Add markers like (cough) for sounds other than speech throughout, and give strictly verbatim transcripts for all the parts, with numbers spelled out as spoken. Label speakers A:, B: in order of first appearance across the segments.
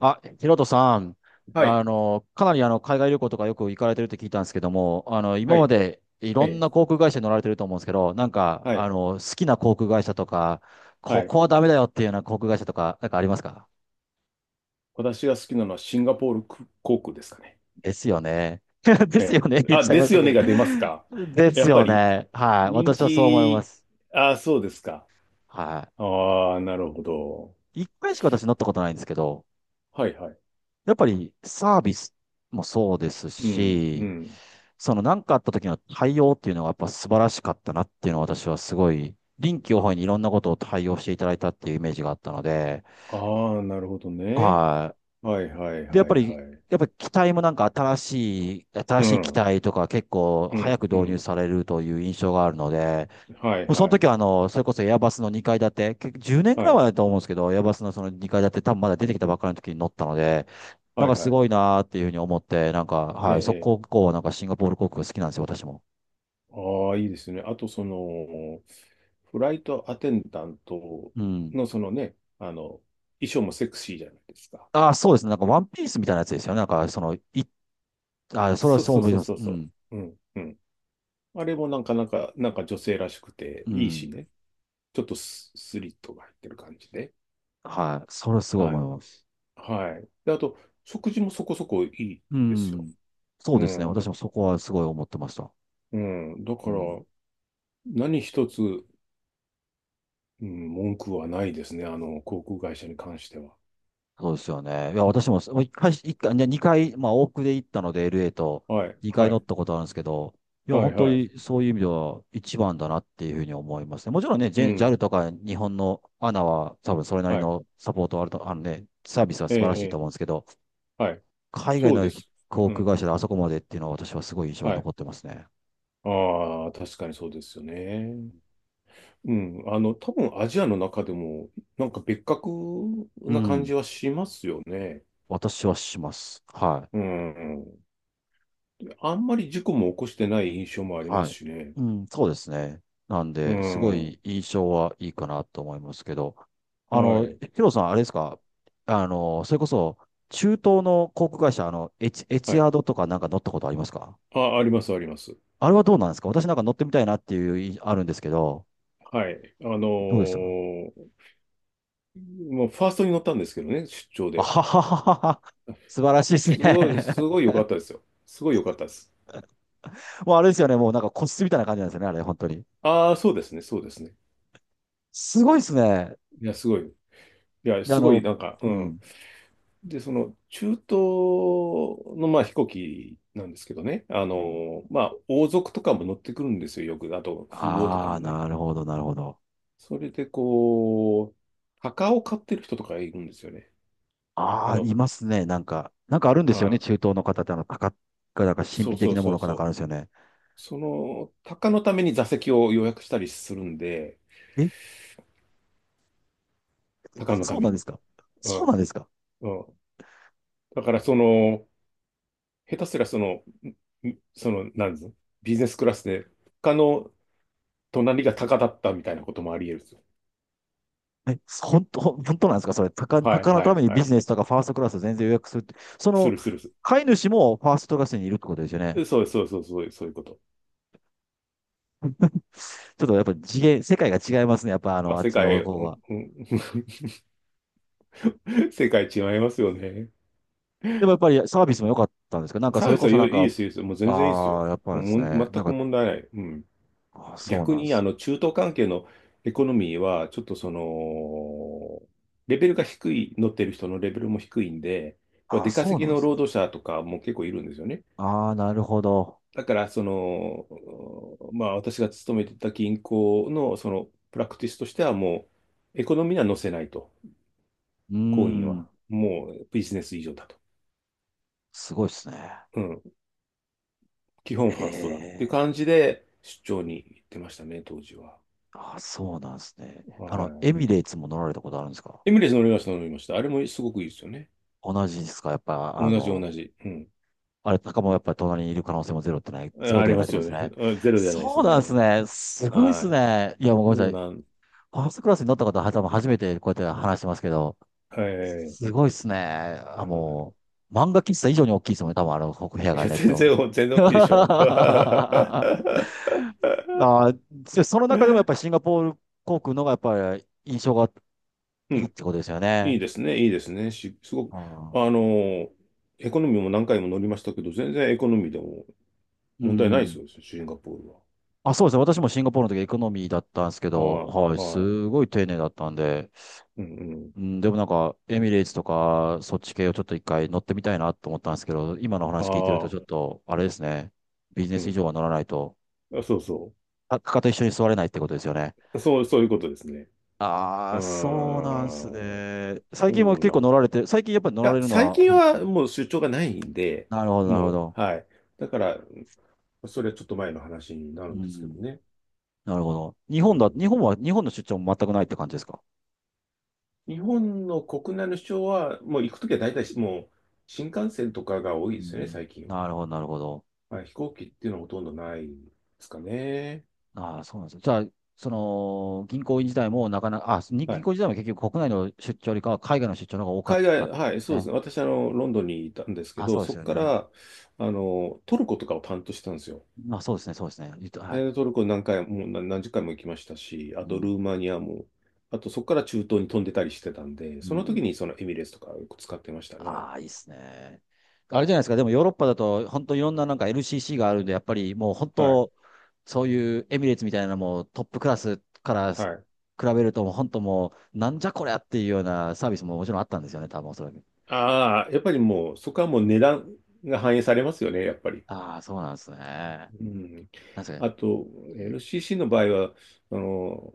A: あ、ヒロトさん、
B: は
A: あ
B: い。
A: の、かなりあの、海外旅行とかよく行かれてるって聞いたんですけども、あの、
B: は
A: 今ま
B: い。
A: でい
B: え
A: ろん
B: え。
A: な航空会社に乗られてると思うんですけど、なんか、
B: は
A: あ
B: い。
A: の、好きな航空会社とか、
B: は
A: こ
B: い。
A: こはダメだよっていうような航空会社とか、なんかありますか？
B: 私が好きなのはシンガポール航空ですかね。
A: ですよね。(laughs) で
B: え
A: すよ
B: え。
A: ね。言っ
B: あ、
A: ちゃい
B: で
A: まし
B: す
A: た
B: よ
A: け
B: ね
A: ど。
B: が出ますか。
A: で
B: や
A: す
B: っぱ
A: よ
B: り
A: ね。はい。
B: 人
A: 私はそう思いま
B: 気、
A: す。
B: あ、そうですか。
A: は
B: ああ、なるほど。
A: い。一回しか私乗ったことないんですけど、
B: はいはい。
A: やっぱりサービスもそうです
B: うん、う
A: し、
B: ん。
A: その何かあった時の対応っていうのがやっぱ素晴らしかったなっていうのは、私はすごい臨機応
B: あ、
A: 変にいろんなことを対応していただいたっていうイメージがあったので、
B: ああ、なるほどね。
A: は
B: はいはい
A: い。で、やっ
B: はい
A: ぱり、
B: はい。
A: やっぱり機体もなんか新しい、新
B: う
A: しい機
B: ん、
A: 体とか結構
B: う
A: 早く
B: ん、う
A: 導入
B: ん。
A: されるという印象があるので、
B: はい
A: もうその
B: はい。
A: 時は、あの、それこそエアバスのにかい建て、結局じゅうねんぐ
B: は
A: らい
B: い、
A: 前だと思うんですけど、エアバスのそのにかい建て、多分まだ出てきたばっかりの時に乗ったので、なん
B: は
A: か
B: い
A: す
B: はい。
A: ごいなーっていうふうに思って、なんか、
B: ええ、
A: はい、そ
B: え
A: こ以降はなんかシンガポール航空好きなんですよ、私も。
B: ああ、いいですね。あと、その、フライトアテンダント
A: うん。
B: の、そのね、あの、衣装もセクシーじゃないですか。
A: ああ、そうですね。なんかワンピースみたいなやつですよね。なんか、その、い、あーそれは
B: そう
A: そう
B: そう
A: 思い
B: そう
A: ます。
B: そう
A: う
B: そ
A: ん。
B: う。うん、うん。あれもなんか、なんか、なんか女性らしくて
A: う
B: いいし
A: ん。
B: ね。ちょっとス、スリットが入ってる感じで。
A: はい。それはすごい
B: は
A: 思い
B: い。
A: ます。
B: はい。で、あと、食事もそこそこいい
A: う
B: ですよ。
A: ん。そう
B: う
A: ですね。私
B: ん。
A: もそこはすごい思ってました。
B: うん。だ
A: う
B: から、
A: ん。
B: 何一つ、うん、文句はないですね。あの、航空会社に関しては。
A: そうですよね。いや、私も、もう一回、一回、ね、二回、まあ、往復で行ったので、エルエー と、
B: はい。
A: 二回
B: は
A: 乗
B: い。
A: ったことあるんですけど、いや、
B: はい。
A: 本当
B: はい。
A: にそういう意味では一番だなっていうふうに思いますね。もちろんね、ジ
B: う
A: ェ ジャル
B: ん。
A: とか日本の エーエヌエー は多分それなり
B: はい。
A: のサポートはあると、あのね、サービスは
B: え
A: 素
B: え、
A: 晴らし
B: え
A: いと
B: え、
A: 思うんですけど、
B: はい。
A: 海外
B: そうで
A: の
B: す。
A: 航
B: う
A: 空
B: ん。
A: 会社であそこまでっていうのは私はすごい印象に
B: はい。
A: 残ってますね。
B: ああ、確かにそうですよね。うん。あの、多分アジアの中でも、なんか別格
A: う
B: な感
A: ん。
B: じはしますよね。
A: 私はします。は
B: う
A: い。
B: ん。あんまり事故も起こしてない印象もありま
A: は
B: す
A: い。
B: しね。
A: うん、そうですね。なん
B: う
A: で、すご
B: ん。は
A: い印象はいいかなと思いますけど、あの、
B: い。
A: ヒロさん、あれですか、あの、それこそ、中東の航空会社、あの、エチ、エ
B: は
A: チ
B: い。
A: アードとかなんか乗ったことありますか？
B: あ、あります、あります。
A: あれはどうなんですか？私なんか乗ってみたいなっていうい、あるんですけど、
B: はい。あの
A: どうでした？
B: ー、もうファーストに乗ったんですけどね、出張
A: あ
B: で。
A: ははははは。素晴らしいです
B: すごい、す
A: ね。
B: ごい良かったですよ。すごい良かったです。
A: (laughs) もうあれですよね、もうなんか個室みたいな感じなんですよね、あれ、本当に。
B: ああ、そうですね、そうですね。
A: すごいですね。
B: いや、すごい。いや、
A: であ
B: すごい
A: の、
B: なんか、う
A: う
B: ん。
A: ん。
B: で、その中東のまあ飛行機なんですけどね、あの、まあ王族とかも乗ってくるんですよ、よく。あと富豪とか
A: ああー、
B: もね。
A: なるほど、なるほど。
B: それでこう、墓を買ってる人とかいるんですよね。
A: あ
B: あ
A: あ、
B: の、
A: いますね。なんか、なんかあるんですよね。
B: は
A: 中東の方って、あの、高が、なんか
B: い、
A: 神
B: そ
A: 秘
B: うそ
A: 的
B: う
A: なも
B: そ
A: の
B: う
A: かなん
B: そ
A: かある
B: う。
A: んですよね。
B: その、鷹のために座席を予約したりするんで、
A: え、
B: 鷹のた
A: そう
B: め
A: なんで
B: に。
A: すか？
B: う
A: そ
B: ん、
A: うなんですか？
B: うん。だからその、下手すらその、んその、なんですビジネスクラスで、他の隣が鷹だったみたいなこともあり得るんですよ。
A: え、本当、本当なんですかそれ、高、
B: はい、
A: 高の
B: は
A: た
B: い、
A: めに
B: は
A: ビ
B: い。
A: ジネスとかファーストクラス全然予約するって。そ
B: す
A: の、
B: るするす
A: 飼い主もファーストクラスにいるってことですよね。
B: る。そうそうそうそうそういうこと。
A: ちょっとやっぱ次元、世界が違いますね。やっぱあ
B: まあ、
A: の、あっ
B: 世
A: ち
B: 界、
A: の
B: う
A: 方
B: ん
A: が。
B: うん (laughs) 世界違いますよね。
A: でもやっぱりサービスも良かったんですけど、なんか
B: サ
A: そ
B: ー
A: れ
B: ビス
A: こ
B: はい
A: そなん
B: いいで
A: か、
B: すよ、いいですよ。もう全然いいです
A: あ
B: よ。
A: あ、やっぱです
B: もう
A: ね。
B: 全
A: なん
B: く
A: か、
B: 問題ない。うん。
A: あーそう
B: 逆
A: なんで
B: に、あ
A: す。
B: の、中東関係のエコノミーは、ちょっとその、レベルが低い、乗ってる人のレベルも低いんで、まあ
A: ああ、
B: 出
A: そ
B: 稼
A: う
B: ぎ
A: なんで
B: の
A: す
B: 労
A: ね。
B: 働者とかも結構いるんですよね。
A: ああ、なるほど。
B: だから、その、まあ、私が勤めてた銀行の、その、プラクティスとしては、もう、エコノミーには載せないと。
A: うー
B: 行員
A: ん。
B: は。もう、ビジネス以上だと。
A: すごいですね。
B: うん。基本
A: え
B: ファーストだっていう
A: え。
B: 感じで、出張に行ってましたね、当時は。
A: あ、そうなんですね。あの、エ
B: は
A: ミレーツも乗られたことあるんですか？
B: い。エミレス乗りました、乗りました。あれもすごくいいですよね。
A: 同じですかやっぱ、あ
B: 同じ、
A: の、
B: 同じ。うん。
A: あれ、高もやっぱり隣にいる可能性もゼロってない、ゼ
B: あ、
A: ロ
B: あ
A: で
B: り
A: はな
B: ま
A: いって
B: す
A: こと
B: よ
A: です
B: ね。
A: ね。
B: (laughs) あ、ゼロじゃないで
A: そ
B: す
A: うなんです
B: ね。
A: ね。すごいです
B: は
A: ね。いや、もうご
B: い。
A: めんな
B: そ
A: さ
B: う
A: い。
B: なん、
A: ファーストクラスに乗った方は多分初めてこうやって話してますけど、
B: はい。
A: すごいっすね。あ、
B: は
A: もう、漫画喫茶以上に大きいですもんね。多分あの、ここ部屋
B: い。い
A: が
B: や、
A: ね、
B: 全
A: と。
B: 然、全
A: (laughs)
B: 然大きいでしょ。(laughs)
A: あー、でその中でもやっぱりシンガポール航空のがやっぱり印象が
B: う
A: いいっ
B: ん。
A: てことですよ
B: いい
A: ね。
B: ですね、いいですね。し、すご
A: あ
B: く、
A: ー、
B: あの、エコノミーも何回も乗りましたけど、全然エコノミーでも
A: う
B: 問題ないで
A: ん。
B: すよ、シンガポールは。
A: あ、そうですね。私もシンガポールの時エコノミーだったんですけど、
B: は
A: はい、
B: い、は
A: す
B: い。
A: ごい丁寧だったんで、
B: うんうん。
A: うん、でもなんか、エミレーツとか、そっち系をちょっと一回乗ってみたいなと思ったんですけど、今の話聞いてると
B: あ
A: ちょっ
B: あ、
A: と、あれですね。ビジネ
B: う
A: ス以
B: ん。
A: 上は乗らないと。
B: あ、そうそ
A: あかかと一緒に座れないってことですよね。
B: う。そう、そういうことですね。う
A: ああ、そう
B: ー
A: なんです
B: ん。
A: ね。最
B: そ
A: 近も
B: う
A: 結
B: な
A: 構
B: ん。い
A: 乗られて、最近やっぱり乗ら
B: や、
A: れるの
B: 最
A: は
B: 近
A: 多いですね、
B: はもう出張がないんで、
A: なるほど、なるほ
B: も
A: ど。
B: う、はい。だから、それはちょっと前の話になる
A: う
B: んですけど
A: ん。
B: ね。
A: なるほど。日
B: う
A: 本だ、
B: ん。
A: 日本は、日本の出張も全くないって感じですか？
B: 日本の国内の主張は、もう行くときは大体もう新幹線とかが多い
A: う
B: ですよね、
A: ん。
B: 最近は。
A: なるほど、なるほど。
B: はい、飛行機っていうのはほとんどないですかね。
A: ああ、そうなんですね。じゃあ、その、銀行員自体もなかなか、あ、に
B: は
A: 銀
B: い。
A: 行自体も結局国内の出張よりかは海外の出張の方が多かっ
B: 海
A: た
B: 外、
A: で
B: はい、
A: す
B: そうです
A: ね。
B: ね。私、あの、ロンドンにいたんですけ
A: あ、
B: ど、
A: そうで
B: そ
A: す
B: こ
A: よ
B: か
A: ね。
B: ら、あの、トルコとかを担当してたんですよ。
A: まあ、そうですね、そうですね。言うとは
B: え
A: い。
B: ートルコ何回も、何何十回も行きましたし、あ
A: う
B: とル
A: ん。
B: ーマニアも、あとそこから中東に飛んでたりしてたんで、
A: う
B: その時
A: ん、
B: にそのエミレーツとかよく使ってましたね。
A: ああ、いいっすね。あれじゃないですか。でもヨーロッパだと、本当いろんななんか エルシーシー があるんで、やっぱりもう本
B: はい。
A: 当、そういうエミレーツみたいなのもうトップクラスから比
B: はい。
A: べると、もう本当もう、なんじゃこりゃっていうようなサービスももちろんあったんですよね、多分おそらく。
B: ああ、やっぱりもう、そこはもう値段が反映されますよね、やっぱり。
A: ああ、そうなんですね。
B: うん。
A: 確かに。
B: あと、
A: うん、
B: エルシーシー の場合は、あの、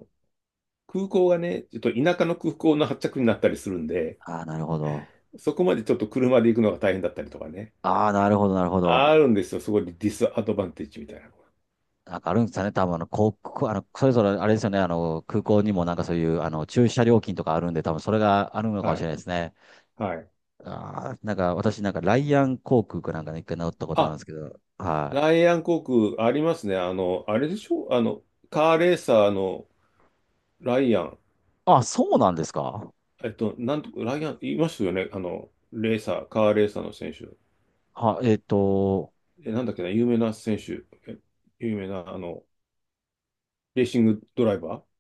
B: 空港がね、ちょっと田舎の空港の発着になったりするんで、
A: ああ、なるほど。
B: そこまでちょっと車で行くのが大変だったりとかね。
A: ああ、なるほど、なるほど。
B: あるんですよ、そこでディスアドバンテージみたいなの
A: なんかあるんですかね、多分あの、航空あの、それぞれあれですよね、あの、空港にもなんかそういう、あの、駐車料金とかあるんで、多分それがあるの
B: が。
A: かもし
B: は
A: れ
B: い。
A: ないですね。
B: はい。
A: ああ、なんか私なんかライアン航空かなんかね、一回乗ったことあるんで
B: あ、
A: すけど、は
B: ラ
A: い。
B: イアン航空ありますね。あの、あれでしょあの、カーレーサーのライアン。
A: あ、そうなんですか。
B: えっと、なんと、ライアン、いますよね。あの、レーサー、カーレーサーの選手。
A: は、えっと、
B: え、なんだっけな、有名な選手、え、有名な、あの、レーシングドライバー。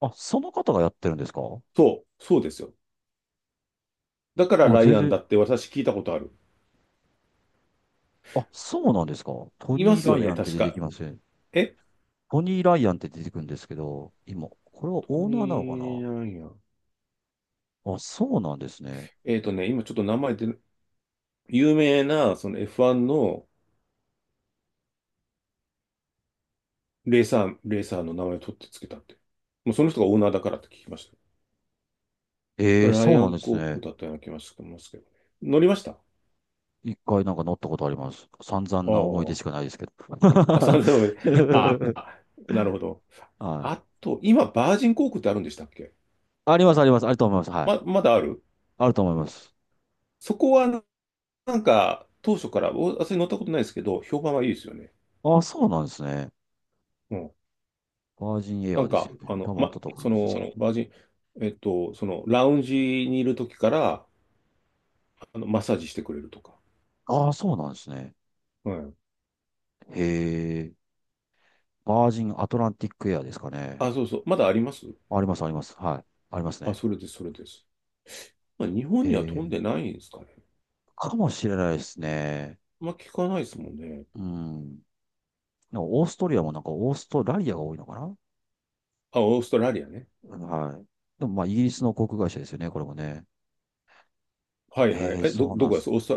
A: あ、その方がやってるんですか？
B: そう、そうですよ。だから
A: あ、
B: ラ
A: 全
B: イアン
A: 然、
B: だって私聞いたことある。
A: あ、そうなんですか。ト
B: いま
A: ニー・
B: す
A: ラ
B: よ
A: イ
B: ね、
A: アンって
B: 確
A: 出て
B: か。
A: きますね。
B: え、
A: トニー・ライアンって出てくるんですけど、今、これは
B: ト
A: オーナーなのか
B: ミー・
A: な？
B: ライアン。
A: あ、そうなんですね。
B: えっとね、今ちょっと名前で、有名な、その エフワン のレーサー、レーサーの名前を取ってつけたって。もうその人がオーナーだからって聞きました。そ
A: ええ、
B: れライ
A: そう
B: ア
A: なん
B: ン
A: です
B: 航空
A: ね。
B: だったような気がしてますけどね。乗りましたあ
A: 一回なんか乗ったことあります。散々な思い出しかないですけど。
B: あ。あ、
A: (laughs)
B: さんぜんえん。ああ、なるほど。
A: はい。
B: あと、今、バージン航空ってあるんでしたっけ。
A: あります、あります。あると思います。は
B: ま、
A: い。
B: まだある。
A: あると思います。
B: そこはな、なんか当初から、お、私乗ったことないですけど、評判はいいですよね。
A: あ、あそうなんですね。
B: うん。
A: バージンエア
B: な
A: ー
B: ん
A: です
B: か、
A: よ
B: あ
A: ね。多
B: の、
A: 分ああった
B: ま、
A: と思い
B: そ
A: ます。その、
B: の、バージン、えっと、その、ラウンジにいる時から、あの、マッサージしてくれるとか。
A: ああ、そうなんですね。
B: うん。
A: へえ。バージンアトランティックエアーですかね。
B: あ、そうそう。まだあります。
A: あります、あります。はい。あります
B: あ、
A: ね。
B: それです、それです。まあ、日本
A: へ
B: には飛んで
A: え。
B: ないんですかね。
A: かもしれないですね。
B: まあ、聞かないですもんね。
A: うん。なんかオーストリアもなんかオーストラリアが多いのかな？
B: あ、オーストラリアね。
A: うん、はい。でもまあ、イギリスの航空会社ですよね、これもね。
B: はいはい。
A: へえ、
B: え、ど、
A: そうな
B: ど
A: ん
B: こ
A: で
B: で
A: す。
B: すオースト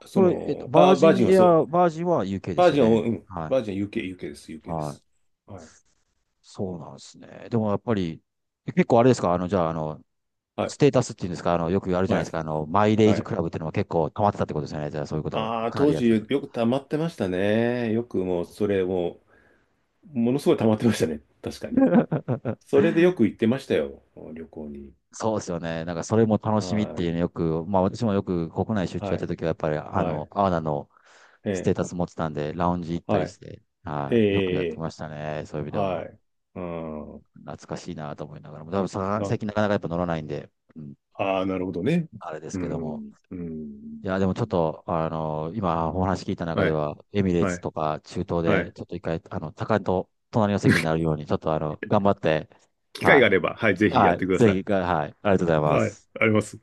B: ラ、そ
A: これ、えっと、
B: の、
A: バー
B: あ、バ
A: ジ
B: ー
A: ン
B: ジンは
A: エ
B: そう。
A: アー、バージンは ユーケー で
B: バ
A: す
B: ー
A: よ
B: ジンは、う
A: ね。
B: ん。
A: はい。
B: バージンは ユーケー、ユーケー です、有形で
A: は
B: す。
A: い。
B: はい。
A: そうなんですね。でもやっぱり、え結構あれですかあの、じゃあ、あの、
B: はい。
A: ステータスっていうんですか、あの、よくあるじゃな
B: は
A: いで
B: い。
A: すか、あの、マイレー
B: は
A: ジ
B: い。
A: クラブっていうのも結構溜まってたってことですよね。じゃあ、そういうことは
B: ああ、
A: かな
B: 当
A: りやっ
B: 時
A: てた。
B: よく溜まってましたね。よくもう、それもう、ものすごい溜まってましたね。(laughs) 確かに。それでよく行ってましたよ。旅行に。
A: そうですよね。なんか、それも楽しみって
B: は
A: いう
B: い。
A: のよく、まあ、私もよく国内出張や
B: は
A: った
B: い。
A: 時は、やっぱり、あ
B: は
A: の、
B: い。
A: アーナの
B: え
A: ステー
B: え。
A: タス持ってたんで、ラウンジ行った
B: は
A: り
B: い。
A: して、
B: え
A: はい、よくやっ
B: え。
A: て
B: え
A: ましたね。そ
B: え。
A: ういう意味で
B: は
A: は。
B: い。うん。
A: 懐かしいなと思いながらも、多分さ
B: な、
A: 最近なかなかやっぱ乗らないんで、うん、
B: ああ、なるほどね。
A: あれです
B: う
A: けども。
B: ん。う
A: い
B: ん。
A: や、でもちょっと、あの、今お話聞いた中
B: は
A: で
B: い。
A: は、エミレー
B: は
A: ツ
B: い。
A: とか中東
B: は
A: で、
B: い。
A: ちょっと一回、あの、高いと隣の席になるように、ちょっとあの、頑張って、
B: 機会
A: は
B: があ
A: い。
B: れば、はい、ぜひや
A: は
B: って
A: い。
B: くだ
A: ぜ
B: さい。
A: ひ、はい。ありがとうございま
B: はい。
A: す。
B: あります。